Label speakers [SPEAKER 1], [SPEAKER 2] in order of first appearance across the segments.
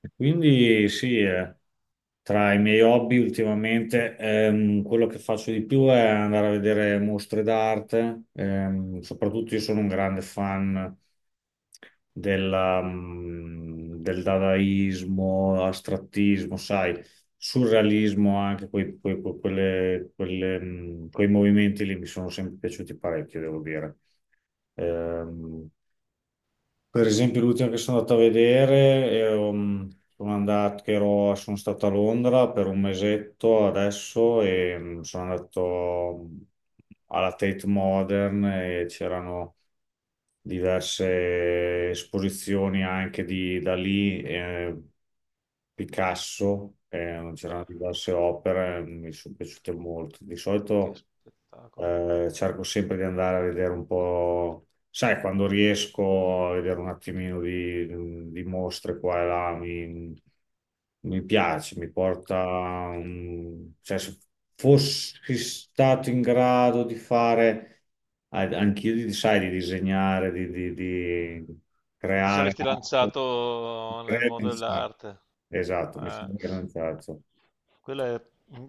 [SPEAKER 1] E quindi sì, tra i miei hobby ultimamente quello che faccio di più è andare a vedere mostre d'arte, soprattutto io sono un grande fan del dadaismo, astrattismo, sai, surrealismo, anche quelle, quei movimenti lì mi sono sempre piaciuti parecchio, devo dire. Ehm, per esempio, l'ultima che sono andato a vedere, ero, mm, sono andato, che ero- sono stato a Londra per un mesetto adesso e sono andato mm, alla Tate Modern e c'erano diverse esposizioni anche di Dalì, Picasso, c'erano
[SPEAKER 2] Beh,
[SPEAKER 1] diverse opere, mi sono piaciute molto. Di
[SPEAKER 2] che
[SPEAKER 1] solito.
[SPEAKER 2] spettacolo.
[SPEAKER 1] Cerco sempre di andare a vedere un po', sai, quando riesco a vedere un attimino di mostre qua e là, mi piace, mi porta, cioè, se fossi stato in grado di fare, anch'io, sai, di disegnare, di
[SPEAKER 2] Ti
[SPEAKER 1] creare,
[SPEAKER 2] saresti lanciato nel
[SPEAKER 1] creare,
[SPEAKER 2] mondo
[SPEAKER 1] pensare.
[SPEAKER 2] dell'arte.
[SPEAKER 1] Esatto, mi
[SPEAKER 2] Eh,
[SPEAKER 1] sono organizzato.
[SPEAKER 2] quella è- mm,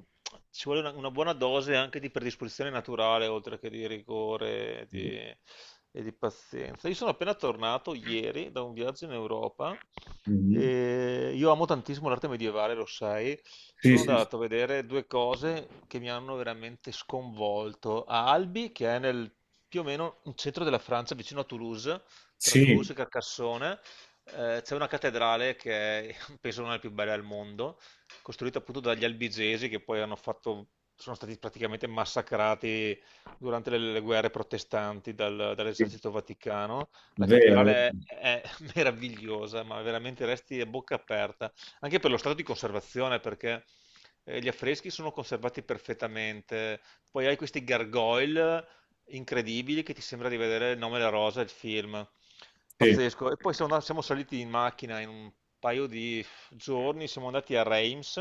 [SPEAKER 2] Ci vuole una buona dose anche di predisposizione naturale, oltre che di rigore e e di pazienza. Io sono appena tornato ieri da un viaggio in Europa.
[SPEAKER 1] Mhm.
[SPEAKER 2] E io amo tantissimo l'arte medievale, lo sai.
[SPEAKER 1] Sì,
[SPEAKER 2] Sono
[SPEAKER 1] sì, sì.
[SPEAKER 2] andato a vedere due cose che mi hanno veramente sconvolto. A Albi, che è nel più o meno in centro della Francia, vicino a Toulouse, tra Toulouse e Carcassonne, c'è una cattedrale che è, penso non è la più bella al mondo, costruita appunto dagli albigesi che poi hanno fatto, sono stati praticamente massacrati durante le guerre protestanti
[SPEAKER 1] Sì,
[SPEAKER 2] dall'esercito vaticano. La
[SPEAKER 1] vero.
[SPEAKER 2] cattedrale è meravigliosa, ma veramente resti a bocca aperta, anche per lo stato di conservazione, perché gli affreschi sono conservati perfettamente. Poi hai questi gargoyle incredibili che ti sembra di vedere Il nome della rosa, il film.
[SPEAKER 1] Sì.
[SPEAKER 2] Pazzesco. E poi siamo saliti in macchina in un paio di giorni, siamo andati a Reims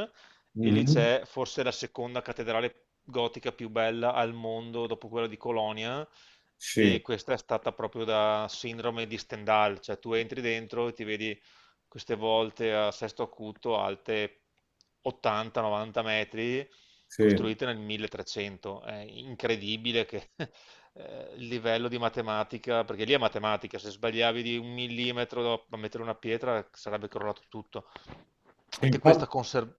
[SPEAKER 2] e lì
[SPEAKER 1] Mhm.
[SPEAKER 2] c'è forse la seconda cattedrale gotica più bella al mondo dopo quella di Colonia
[SPEAKER 1] Sì,
[SPEAKER 2] e questa è stata proprio da sindrome di Stendhal, cioè tu entri dentro e ti vedi queste volte a sesto acuto alte 80-90 metri
[SPEAKER 1] sì.
[SPEAKER 2] costruite nel 1300. È incredibile che il livello di matematica, perché lì è matematica, se sbagliavi di un millimetro a mettere una pietra sarebbe crollato tutto.
[SPEAKER 1] Sì,
[SPEAKER 2] Anche questa
[SPEAKER 1] infatti,
[SPEAKER 2] conserva...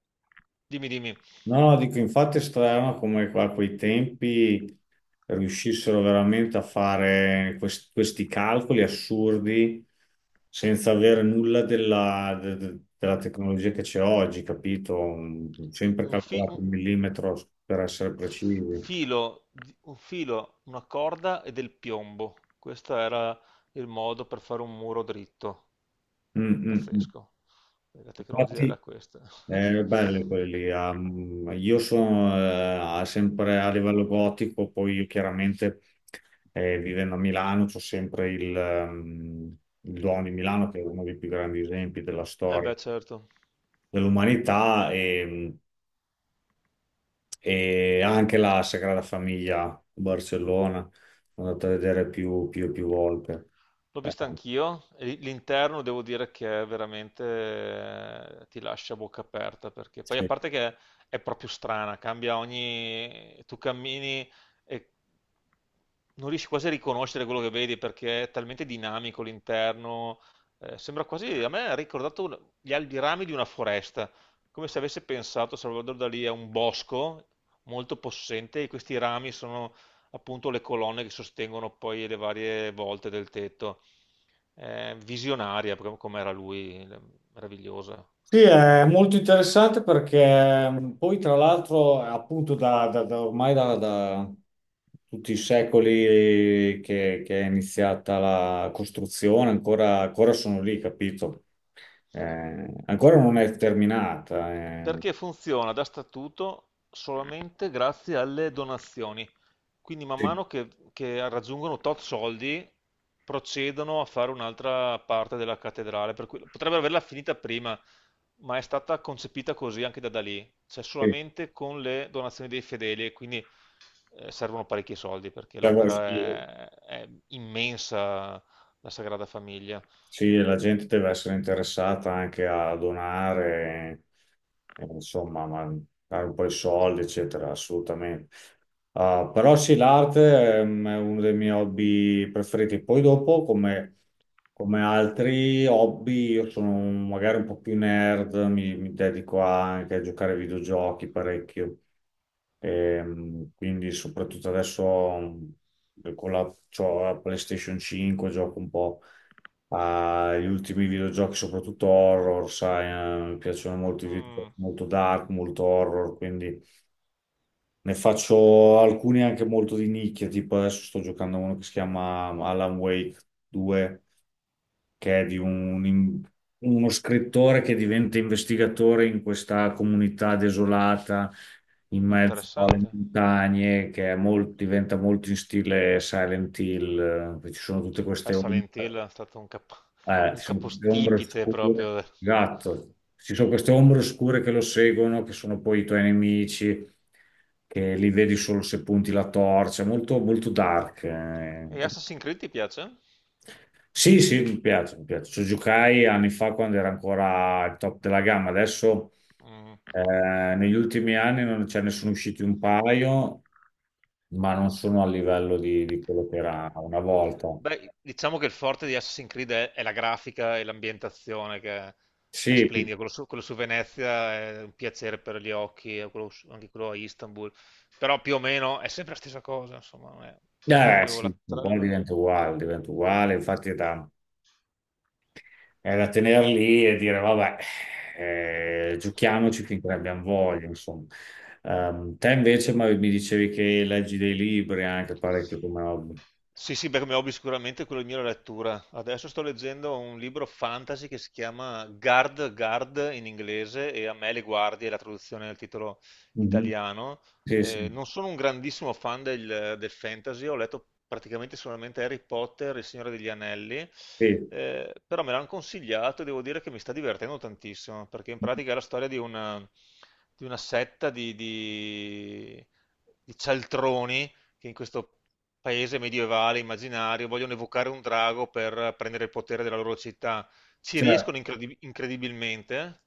[SPEAKER 2] Dimmi, dimmi,
[SPEAKER 1] no, dico, infatti è strano come a quei tempi riuscissero veramente a fare questi calcoli assurdi senza avere nulla della tecnologia che c'è oggi, capito? Sempre
[SPEAKER 2] un, fi-
[SPEAKER 1] calcolato
[SPEAKER 2] un
[SPEAKER 1] il millimetro per essere precisi.
[SPEAKER 2] filo, di- un filo, una corda e del piombo. Questo era il modo per fare un muro dritto.
[SPEAKER 1] Mm, mm, mm.
[SPEAKER 2] Pazzesco. La tecnologia
[SPEAKER 1] Infatti,
[SPEAKER 2] era questa.
[SPEAKER 1] eh, belli quelli. Io sono sempre a livello gotico, poi io chiaramente vivendo a Milano c'ho sempre il Duomo di Milano, che è uno dei più grandi esempi della
[SPEAKER 2] Eh
[SPEAKER 1] storia
[SPEAKER 2] beh, certo.
[SPEAKER 1] dell'umanità, e anche la Sagrada Famiglia a Barcellona, sono andato a vedere più volte.
[SPEAKER 2] L'ho
[SPEAKER 1] Eh,
[SPEAKER 2] vista anch'io, e l'interno devo dire che è veramente ti lascia a bocca aperta perché poi a
[SPEAKER 1] sì.
[SPEAKER 2] parte che è proprio strana, cambia ogni... tu cammini e non riesci quasi a riconoscere quello che vedi perché è talmente dinamico l'interno, sembra quasi, a me ha ricordato i rami di una foresta, come se avesse pensato Salvador Dalì a un bosco molto possente e questi rami sono appunto le colonne che sostengono poi le varie volte del tetto. Visionaria, proprio come era lui, meravigliosa.
[SPEAKER 1] Sì, è molto interessante perché poi tra l'altro appunto da, da- da ormai da tutti i secoli che è iniziata la costruzione, ancora sono lì, capito? Ancora non è terminata, eh.
[SPEAKER 2] Perché funziona da statuto solamente grazie alle donazioni. Quindi man
[SPEAKER 1] Sì,
[SPEAKER 2] mano che raggiungono tot soldi procedono a fare un'altra parte della cattedrale, per cui potrebbero averla finita prima, ma è stata concepita così anche da Dalì, cioè
[SPEAKER 1] sì.
[SPEAKER 2] solamente con le donazioni dei fedeli e quindi servono parecchi soldi perché l'opera
[SPEAKER 1] Sì,
[SPEAKER 2] è immensa, la Sagrada Famiglia.
[SPEAKER 1] sì, la gente deve essere interessata anche a donare. Insomma, ma dare un po' di soldi, eccetera, assolutamente. Ah, però sì, l'arte è uno dei miei hobby preferiti. Poi dopo, come, come altri hobby, magari un po' più nerd, mi dedico anche a giocare ai videogiochi parecchio. Quindi soprattutto adesso c'ho la PlayStation 5, gioco un po' agli ultimi videogiochi, soprattutto horror, sai, mi piacciono molto i videogiochi,
[SPEAKER 2] Mm,
[SPEAKER 1] molto dark, molto horror, quindi ne faccio alcuni anche molto di nicchia, tipo adesso sto giocando a uno che si chiama Alan Wake 2, che è di un- in- uno scrittore che diventa investigatore in questa comunità desolata in mezzo alle
[SPEAKER 2] interessante.
[SPEAKER 1] montagne, che è diventa molto in stile Silent Hill, ci sono tutte queste ombre,
[SPEAKER 2] Silent Hill è stato un
[SPEAKER 1] ci sono queste ombre
[SPEAKER 2] capostipite
[SPEAKER 1] scure,
[SPEAKER 2] proprio.
[SPEAKER 1] gatto, ci sono queste ombre oscure che lo seguono, che sono poi i tuoi nemici. Che li vedi solo se punti la torcia, molto, molto dark, eh.
[SPEAKER 2] E Assassin's Creed ti piace?
[SPEAKER 1] Sì, sì, mi piace, mi piace. Ci giocai anni fa quando era ancora il top della gamma. Adesso
[SPEAKER 2] Mm.
[SPEAKER 1] negli ultimi anni non ce ne sono usciti un paio, ma non sono a livello di quello che era una volta.
[SPEAKER 2] Beh, diciamo che il forte di Assassin's Creed è la grafica e l'ambientazione che è
[SPEAKER 1] Sì, qui-
[SPEAKER 2] splendida. Quello su Venezia è un piacere per gli occhi, e anche quello a Istanbul. Però più o meno è sempre la stessa cosa, insomma, non è proprio
[SPEAKER 1] sì,
[SPEAKER 2] la...
[SPEAKER 1] un
[SPEAKER 2] tra-
[SPEAKER 1] po' diventa uguale, diventa uguale. Infatti è da tenere lì e dire, vabbè, giochiamoci finché ne abbiamo voglia, insomma. Te invece ma mi dicevi che leggi dei libri anche parecchio come hobby.
[SPEAKER 2] Sì, sì, beh, come hobby sicuramente quello mio è la lettura. Adesso sto leggendo un libro fantasy che si chiama Guard, Guard in inglese, e A me le guardie è la traduzione del titolo italiano.
[SPEAKER 1] Sì, sì,
[SPEAKER 2] Non sono un grandissimo fan del fantasy, ho letto praticamente solamente Harry Potter e Il Signore degli Anelli,
[SPEAKER 1] sì.
[SPEAKER 2] però me l'hanno consigliato e devo dire che mi sta divertendo tantissimo, perché in pratica è la storia di una setta di cialtroni che in questo paese medievale immaginario vogliono evocare un drago per prendere il potere della loro città. Ci
[SPEAKER 1] Cioè,
[SPEAKER 2] riescono incredibilmente,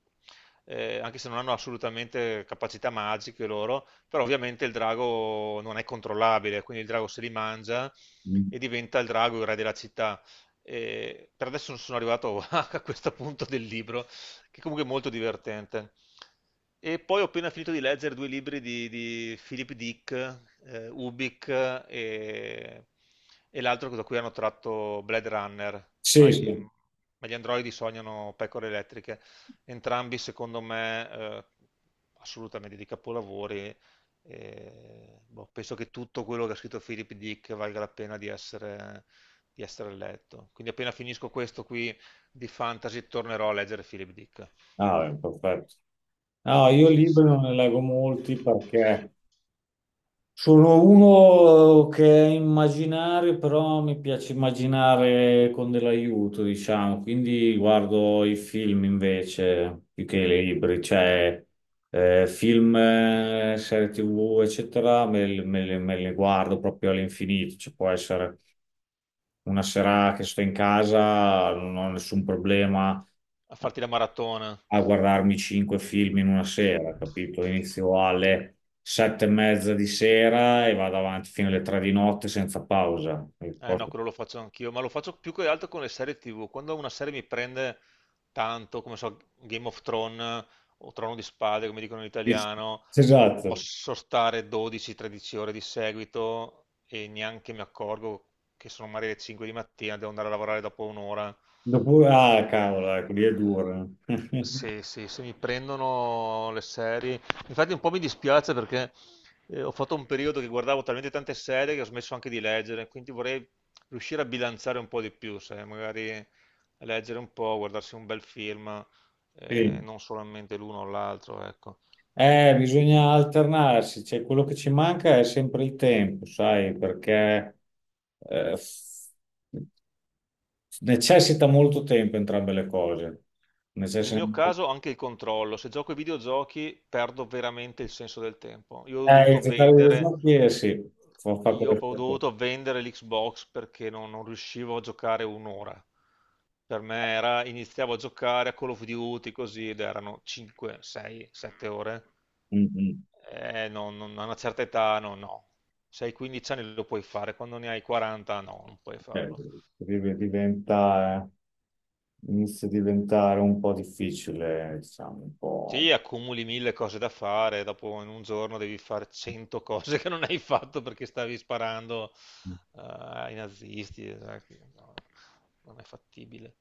[SPEAKER 2] anche se non hanno assolutamente capacità magiche loro, però ovviamente il drago non è controllabile, quindi il drago se li mangia
[SPEAKER 1] mm,
[SPEAKER 2] e diventa il drago il re della città. Per adesso non sono arrivato a questo punto del libro, che comunque è molto divertente. E poi ho appena finito di leggere due libri di Philip Dick, Ubik e l'altro da cui hanno tratto Blade Runner,
[SPEAKER 1] sì, sì.
[SPEAKER 2] ma gli androidi sognano pecore elettriche. Entrambi, secondo me, assolutamente di capolavori. E, boh, penso che tutto quello che ha scritto Philip Dick valga la pena di essere letto. Quindi appena finisco questo qui, di fantasy tornerò a leggere Philip Dick.
[SPEAKER 1] Ah, beh, perfetto. No, io
[SPEAKER 2] Sì,
[SPEAKER 1] libri
[SPEAKER 2] sì.
[SPEAKER 1] non ne leggo molti perché sono uno che è immaginario, però mi piace immaginare con dell'aiuto, diciamo, quindi guardo i film invece più che i libri, cioè film, serie TV, eccetera, me le guardo proprio all'infinito, ci può essere una sera che sto in casa, non ho nessun problema
[SPEAKER 2] A farti la maratona.
[SPEAKER 1] a guardarmi cinque film in una sera, capito? Inizio
[SPEAKER 2] Mm.
[SPEAKER 1] alle sette e mezza di sera e vado avanti fino alle tre di notte senza pausa. E
[SPEAKER 2] Eh
[SPEAKER 1] poi
[SPEAKER 2] no, quello lo faccio anch'io, ma lo faccio più che altro con le serie TV. Quando una serie mi prende tanto, come so, Game of Thrones o Trono di Spade, come dicono in
[SPEAKER 1] sì, sì.
[SPEAKER 2] italiano,
[SPEAKER 1] Esatto.
[SPEAKER 2] posso stare 12-13 ore di seguito e neanche mi accorgo che sono magari le 5 di mattina, devo andare a lavorare dopo un'ora.
[SPEAKER 1] Dopo, ah, cavolo, ecco, lì è duro.
[SPEAKER 2] Sì, sì, se mi prendono le serie. Infatti un po' mi dispiace perché ho fatto un periodo che guardavo talmente tante serie che ho smesso anche di leggere, quindi vorrei riuscire a bilanciare un po' di più, sai, magari leggere un po', guardarsi un bel film,
[SPEAKER 1] Sì.
[SPEAKER 2] non solamente l'uno o l'altro, ecco.
[SPEAKER 1] Bisogna alternarsi, cioè, quello che ci manca è sempre il tempo, sai, perché eh, necessita molto tempo entrambe le cose.
[SPEAKER 2] Nel
[SPEAKER 1] Necessita
[SPEAKER 2] mio
[SPEAKER 1] molto.
[SPEAKER 2] caso anche il controllo, se gioco ai videogiochi perdo veramente il senso del tempo.
[SPEAKER 1] Gettare gli snotti, sì, fa, fa
[SPEAKER 2] Io
[SPEAKER 1] quello
[SPEAKER 2] ho
[SPEAKER 1] che fa.
[SPEAKER 2] dovuto vendere l'Xbox perché non riuscivo a giocare un'ora. Per me era, iniziavo a giocare a Call of Duty così ed erano 5, 6, 7 ore.
[SPEAKER 1] Mm, mm.
[SPEAKER 2] A una certa età no, no. Se hai 15 anni lo puoi fare, quando ne hai 40 no, non puoi
[SPEAKER 1] Eh,
[SPEAKER 2] farlo.
[SPEAKER 1] diventa, inizia a diventare un po' difficile, diciamo, un po'.
[SPEAKER 2] Sì, accumuli mille cose da fare, dopo in un giorno devi fare cento cose che non hai fatto perché stavi sparando ai nazisti. Eh, che no, non è fattibile.